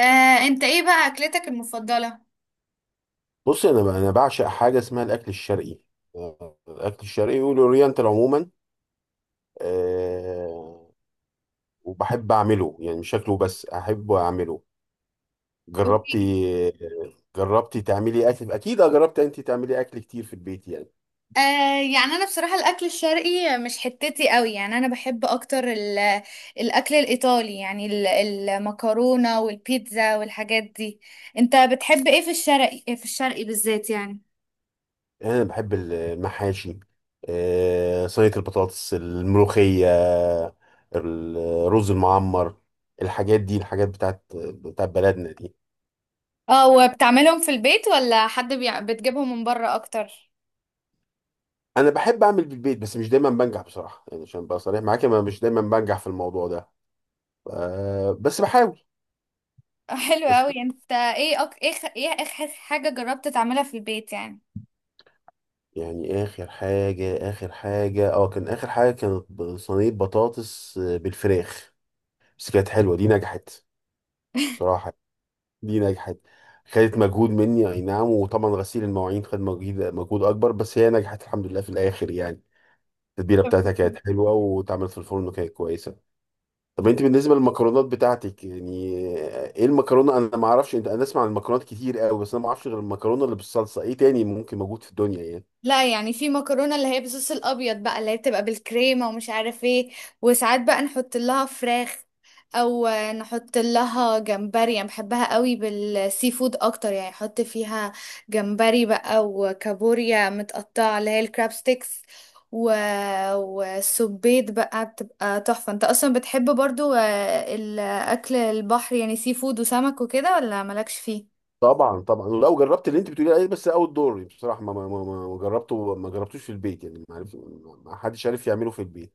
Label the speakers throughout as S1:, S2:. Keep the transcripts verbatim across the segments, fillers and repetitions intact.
S1: آه، انت ايه بقى اكلتك المفضلة؟
S2: بص انا انا بعشق حاجه اسمها الاكل الشرقي. آه، الاكل الشرقي والاورينتال عموما. أه وبحب اعمله يعني مش شكله بس احب اعمله. جربتي؟
S1: اوكي.
S2: جربتي تعملي اكل اكيد؟ آه، جربت انت تعملي اكل كتير في البيت يعني.
S1: آه يعني انا بصراحة الاكل الشرقي مش حتتي قوي، يعني انا بحب اكتر ال- الاكل الايطالي، يعني ال- المكرونة والبيتزا والحاجات دي. انت بتحب ايه في الشرقي؟ إيه في الشرقي بالذات يعني؟
S2: انا بحب المحاشي، أه صينيه البطاطس، الملوخيه، الرز المعمر، الحاجات دي، الحاجات بتاعت بتاعت بلدنا دي.
S1: اه، وبتعملهم في البيت ولا حد بيع... بتجيبهم من بره اكتر؟
S2: انا بحب اعمل بالبيت بس مش دايما بنجح بصراحه، يعني عشان ابقى صريح معاك انا مش دايما بنجح في الموضوع ده. أه بس بحاول.
S1: آه، حلو
S2: بس
S1: قوي. انت ايه أك... ايه خ- ايه اخر حاجة جربت تعملها في البيت يعني؟
S2: يعني اخر حاجه اخر حاجه اه كان اخر حاجه كانت ب- صينيه بطاطس آه، بالفراخ. بس كانت حلوه، دي نجحت بصراحه، دي نجحت. خدت مجهود مني، اي نعم، وطبعا غسيل المواعين خد مجهود مجهود اكبر، بس هي نجحت الحمد لله في الاخر يعني. التتبيله بتاعتها كانت حلوه، واتعملت في الفرن وكانت كويسه. طب انت بالنسبه للمكرونات بتاعتك يعني ايه؟ المكرونه انا ما اعرفش، انت انا اسمع عن المكرونات كتير قوي، بس انا ما اعرفش غير المكرونه اللي بالصلصه. ايه تاني ممكن موجود في الدنيا يعني؟
S1: لا، يعني في مكرونه اللي هي بالصوص الابيض بقى، اللي هي بتبقى بالكريمه ومش عارف ايه. وساعات بقى نحط لها فراخ او نحط لها جمبري، يعني بحبها قوي بالسي فود اكتر، يعني احط فيها جمبري بقى وكابوريا متقطعه، اللي هي الكراب ستيكس، و... وسبيت بقى بتبقى تحفه. انت اصلا بتحب برضو آه، الاكل البحر، يعني سي فود وسمك وكده، ولا مالكش فيه؟
S2: طبعا طبعا، ولو جربت اللي انت بتقولي عليه، بس اول دور بصراحه ما ما ما ما جربته ما جربتوش في البيت يعني، ما عرف ما حدش عارف يعمله في البيت.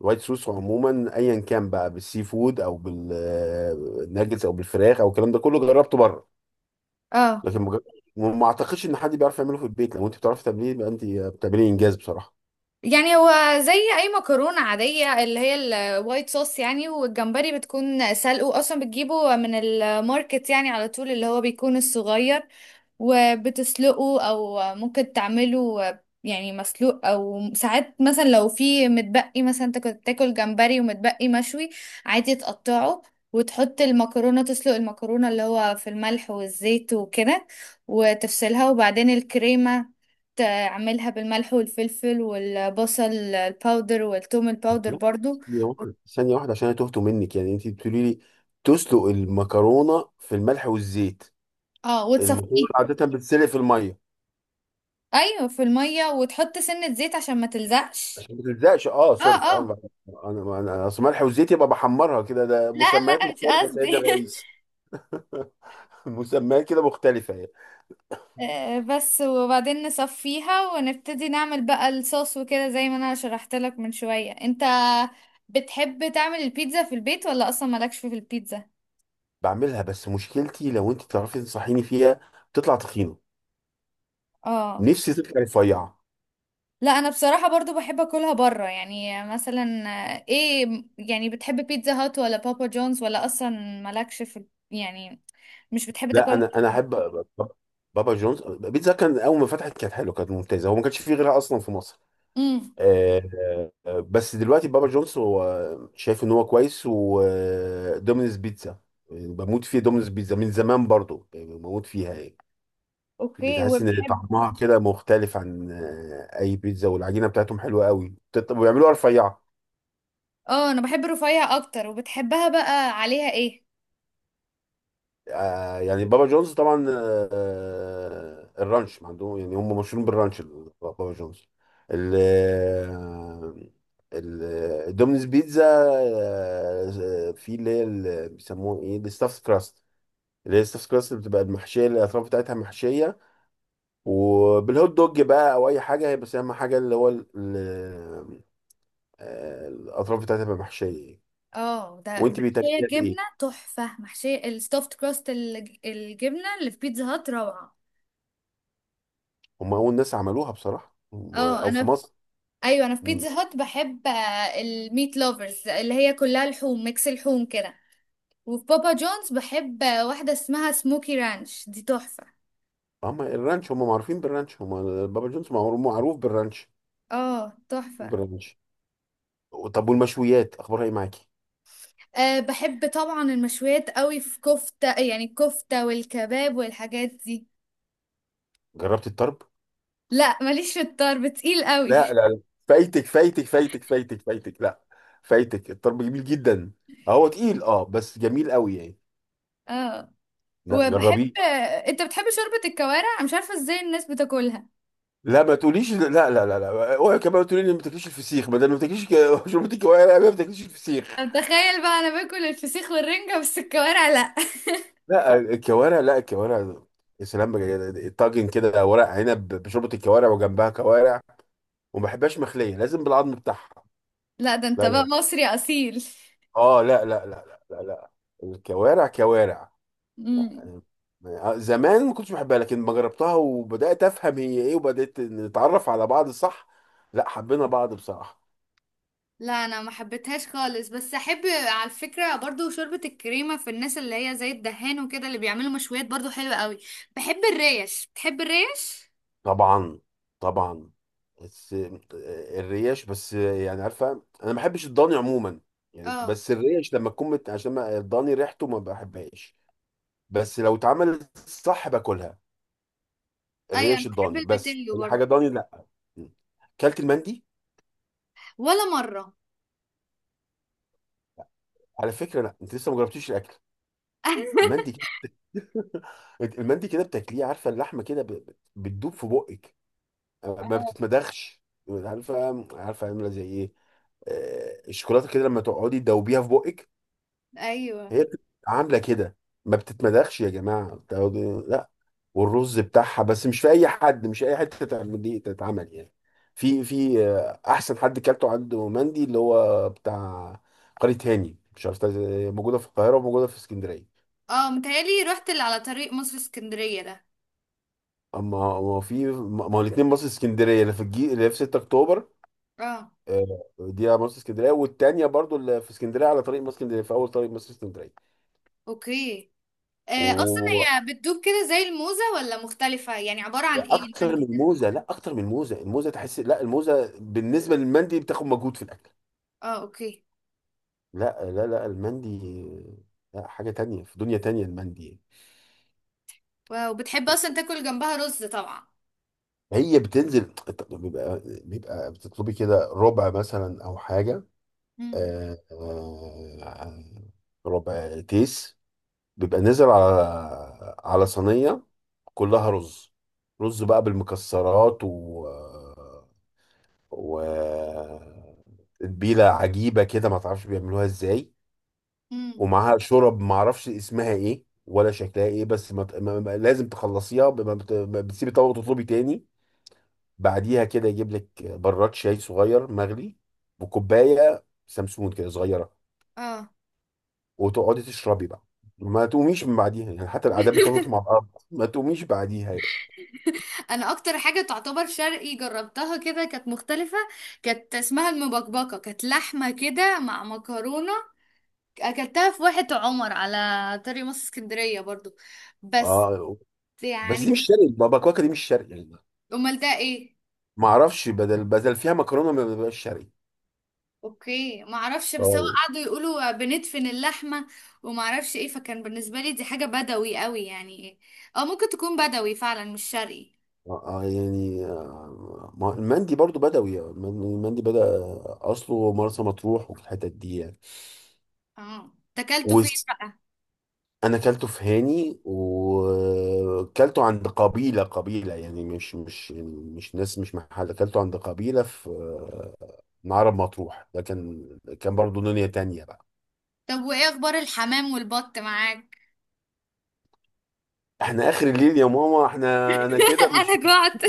S2: الوايت صوص عموما ايا كان بقى بالسي فود او بالناجتس او بالفراخ او الكلام ده كله، جربته بره.
S1: اه.
S2: لكن ما جر- ما اعتقدش ان حد بيعرف يعمله في البيت، لو انت بتعرفي تعمليه يبقى انت بتعملي انجاز بصراحه.
S1: يعني هو زي اي مكرونه عاديه، اللي هي الوايت صوص يعني، والجمبري بتكون سلقه، اصلا بتجيبه من الماركت يعني على طول، اللي هو بيكون الصغير، وبتسلقه. او ممكن تعمله يعني مسلوق. او ساعات مثلا لو في متبقي، مثلا انت كنت تاكل جمبري ومتبقي مشوي، عادي تقطعه، وتحط المكرونة. تسلق المكرونة اللي هو في الملح والزيت وكده، وتفصلها، وبعدين الكريمة تعملها بالملح والفلفل والبصل الباودر والثوم الباودر
S2: لا،
S1: برضو.
S2: ثانية واحدة ثانية واحدة عشان أنا تهت منك، يعني أنت بتقولي لي تسلق المكرونة في الملح والزيت؟
S1: اه، وتصفيه.
S2: المكرونة عادة بتتسلق في المية.
S1: ايوه، في المية، وتحط سنة زيت عشان ما تلزقش.
S2: عشان ما تلزقش، أه
S1: اه،
S2: سوري، أه
S1: اه،
S2: أنا أنا أنا- أصل ملح وزيت يبقى بحمرها كده، ده
S1: لا،
S2: مسميات
S1: لا، مش
S2: مختلفة يا سيدي
S1: قصدي.
S2: الرئيس. مسميات كده مختلفة يعني.
S1: آه، بس. وبعدين نصفيها ونبتدي نعمل بقى الصوص وكده زي ما انا شرحت لك من شوية. انت بتحب تعمل البيتزا في البيت ولا اصلا مالكش في البيتزا؟
S2: بعملها، بس مشكلتي لو أنت تعرفي تنصحيني فيها، بتطلع تخينة،
S1: اه،
S2: نفسي تطلع رفيعة.
S1: لا، انا بصراحة برضو بحب اكلها بره، يعني مثلا. آه، ايه يعني، بتحب بيتزا هات ولا بابا جونز، ولا اصلا مالكش في ال- يعني مش بتحب
S2: لا
S1: تاكلها؟
S2: أنا أنا أحب بابا جونز. بيتزا كان أول ما فتحت كانت حلوة، كانت ممتازة، هو ما كانش فيه غيرها أصلا في مصر.
S1: امم.
S2: آه، آه، بس دلوقتي بابا جونز هو شايف ان هو كويس، ودومينز بيتزا يعني بموت فيه، دومينز بيتزا من زمان برضو بموت فيها يعني. اللي
S1: اوكي.
S2: تحس ان
S1: وبحب.
S2: طعمها كده مختلف عن آه، اي بيتزا، والعجينه بتاعتهم حلوه قوي بتت- وبيعملوها رفيعه.
S1: اه، انا بحب رفيع اكتر. وبتحبها بقى عليها ايه؟
S2: آه، يعني بابا جونز طبعا، آه آه، الرانش عندهم، يعني هم مشهورين بالرانش ال- بابا جونز. ال آه، ال- الدومينز بيتزا آه، في اللي هي ال- بيسموه ايه الستاف كراست، اللي هي الستاف كراست اللي بتبقى المحشيه، اللي الاطراف بتاعتها محشيه، وبالهوت دوج بقى او اي حاجه، بس اهم حاجه اللي هو ال- ال- آه، الاطراف بتاعتها بتبقى محشيه.
S1: اه، ده
S2: وانت
S1: محشية
S2: بتاكليها
S1: جبنة
S2: بايه؟
S1: تحفة. محشية الستافت كراست، الج- الجبنة اللي في بيتزا هات روعة.
S2: هم اول ناس عملوها بصراحه، هم-
S1: اه،
S2: او
S1: انا
S2: في
S1: في...
S2: مصر.
S1: ايوه، انا في بيتزا هات بحب آه، الميت لوفرز، اللي هي كلها لحوم، ميكس لحوم كده. وفي بابا جونز بحب آه، واحدة اسمها سموكي رانش، دي تحفة.
S2: هم الرانش، هم معروفين بالرانش، هم بابا جونز، معروف معروف بالرانش،
S1: اه، تحفة.
S2: بالرانش. طب والمشويات اخبارها ايه معاكي؟
S1: أه بحب طبعا المشويات قوي. في كفتة، يعني الكفتة والكباب والحاجات دي.
S2: جربت الطرب؟
S1: لا، ماليش في الطرب، تقيل قوي.
S2: لا لا لا. فايتك فايتك فايتك فايتك فايتك لا، فايتك، الطرب جميل جدا. هو تقيل اه بس جميل قوي يعني.
S1: اه،
S2: لا
S1: وبحب.
S2: جربيه.
S1: انت بتحب شوربة الكوارع؟ أنا مش عارفة ازاي الناس بتاكلها.
S2: لا ما تقوليش، لا لا لا لا اوعي كمان تقولي لي ما بتاكليش الفسيخ، ما ده ما بتاكليش ك- شربتي كوارع ما بتاكليش الفسيخ؟
S1: طب تخيل بقى، انا باكل الفسيخ والرنجة بس الكوارع لا.
S2: لا الكوارع، لا الكوارع. يا سلام بقى، طاجن كده ورق عنب بشوربه الكوارع وجنبها كوارع، وما بحبهاش مخليه، لازم بالعظم بتاعها.
S1: لا، ده انت
S2: لا لا
S1: بقى
S2: لا
S1: مصري اصيل.
S2: اه لا لا لا لا لا, لا. الكوارع كوارع
S1: امم.
S2: يعني. آه، زمان ما كنتش بحبها، لكن ما جربتها وبدات افهم هي ايه، وبدات نتعرف على بعض، صح، لا حبينا بعض بصراحه.
S1: لا، انا ما حبيتهاش خالص، بس احب. على فكره برضو، شوربه الكريمه في الناس اللي هي زي الدهان وكده، اللي بيعملوا مشويات برضو حلوه قوي. بحب الريش. بتحب الريش؟
S2: طبعا طبعا، بس آه، الريش بس آه، يعني عارفه، انا ما بحبش الضاني عموما يعني،
S1: اه،
S2: بس الريش لما تكون مت... عشان ما- الضاني ريحته ما بحبهاش، بس لو اتعملت صح باكلها.
S1: ايوه، انا
S2: الريش
S1: بحب
S2: الضاني بس،
S1: البتنجو
S2: اي
S1: برضو.
S2: حاجه ضاني لا. مم. كلت المندي؟
S1: ولا مره.
S2: على فكره لا انت لسه ما جربتيش الاكل. المندي كده، المندي كده بتاكليه، عارفه اللحمه كده ب- ب- بتدوب في بقك، آه، ما
S1: اه،
S2: بتتمدخش. عارفه عارفه عامله زي ايه؟ آه، الشوكولاته كده لما تقعدي تدوبيها في بقك،
S1: ايوه،
S2: هي بتبقى عامله كده، ما بتتمدخش يا جماعه، بتقعدي- لا. والرز بتاعها، بس مش في اي حد، مش اي حته تعمل دي تتعمل يعني. في في آه، احسن حد كلته عنده مندي اللي هو بتاع قرية هاني، مش عارف تا- موجوده في القاهره وموجوده في اسكندريه.
S1: اه، متهيألي رحت اللي على طريق مصر اسكندريه ده.
S2: اما ما في ما ما هو الاثنين مصر اسكندريه، اللي في الجي اللي في سته اكتوبر،
S1: اه،
S2: آه، دي على مصر اسكندريه، والتانيه برضو اللي في اسكندريه على طريق مصر اسكندريه، في اول طريق مصر اسكندريه.
S1: اوكي. آه اصلا
S2: واكتر
S1: هي بتدوب كده زي الموزة ولا مختلفة؟ يعني عبارة عن ايه المانجا
S2: من
S1: ده؟
S2: موزه، لا اكتر من موزه، الموزه تحس، لا الموزه بالنسبه للمندي بتاخد مجهود في الاكل.
S1: اه، اوكي.
S2: لا لا لا، المندي لا، حاجة تانية في دنيا تانية المندي.
S1: واو. بتحب اصلا تاكل جنبها رز طبعا.
S2: هي بتنزل، بيبقى بيبقى بتطلبي كده ربع مثلا أو حاجة،
S1: امم،
S2: آه، آه، ربع تيس، بيبقى نزل على على صينية كلها رز، رز بقى بالمكسرات و و تتبيلة عجيبة كده، ما تعرفش بيعملوها ازاي.
S1: امم.
S2: ومعاها شرب معرفش اسمها ايه ولا شكلها ايه، بس ما ت- ما- ما- لازم تخلصيها ب- ما بت- ما بتسيبي طبق وتطلبي تاني. بعديها كده يجيب لك براد شاي صغير مغلي، وكوبايه سمسمون كده صغيره،
S1: اه،
S2: وتقعدي تشربي بقى، ما تقوميش من بعديها يعني، حتى العادات بتقعدوا مع بعض، ما تقوميش بعديها يعني.
S1: انا اكتر حاجة تعتبر شرقي جربتها كده كانت مختلفة. كانت اسمها المبكبكة، كانت لحمة كده مع مكرونة. اكلتها في واحة عمر على طريق مصر اسكندرية برضو. بس
S2: اه بس دي مش
S1: يعني.
S2: شرقي، بابا كواكا دي مش شرقي يعني.
S1: امال ده ايه؟
S2: ما اعرفش، بدل بدل فيها مكرونه ما بتبقاش شرقي.
S1: اوكي، ما اعرفش. بس هو
S2: اه،
S1: قعدوا يقولوا بندفن اللحمه وما اعرفش ايه، فكان بالنسبه لي دي حاجه بدوي قوي، يعني ايه. اه، ممكن تكون بدوي فعلا مش شرقي.
S2: آه، يعني آه، ما هو المندي برضو بدوي، آه، المن- المندي بدأ أصله مرسى مطروح والحتت دي يعني.
S1: اه، تاكلته فين
S2: وس-
S1: بقى؟
S2: أنا كلته في هاني، وكلته عند قبيلة قبيلة يعني مش مش يعني مش ناس، مش محل، كلته عند قبيلة في آه، معرب مطروح، ده كان كان برضو دنيا تانية بقى.
S1: طب، وايه اخبار الحمام والبط معاك؟
S2: احنا آخر الليل يا ماما، احنا أنا كده
S1: انا
S2: مش،
S1: جعت.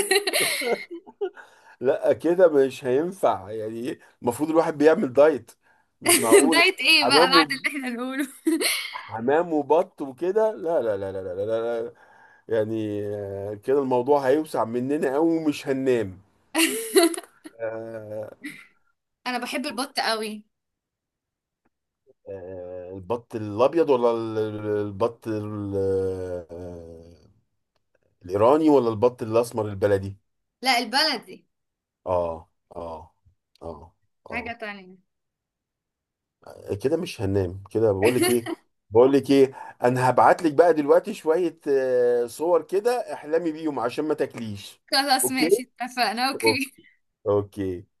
S2: لا كده مش هينفع يعني إيه؟ المفروض الواحد بيعمل دايت، مش معقول.
S1: دايت ايه بقى
S2: حمام،
S1: بعد اللي احنا نقوله؟
S2: حمام وبط وكده، لا لا لا لا لا لا, لا. لا. يعني آه، كده الموضوع هيوسع مننا قوي ومش هننام. آه،
S1: انا بحب البط قوي.
S2: آه، البط الابيض ولا ال- ال- البط ال- آه، الايراني، ولا البط الاسمر البلدي؟
S1: لا، البلدي.
S2: اه اه اه.
S1: حاجه
S2: اه
S1: تانية.
S2: كده مش هننام، كده بقول لك ايه بقول لك ايه انا هبعت لك بقى دلوقتي شويه آه، صور كده احلمي بيهم عشان ما تاكليش.
S1: خلاص،
S2: اوكي.
S1: ماشي، اتفقنا،
S2: أوك-
S1: اوكي.
S2: اوكي.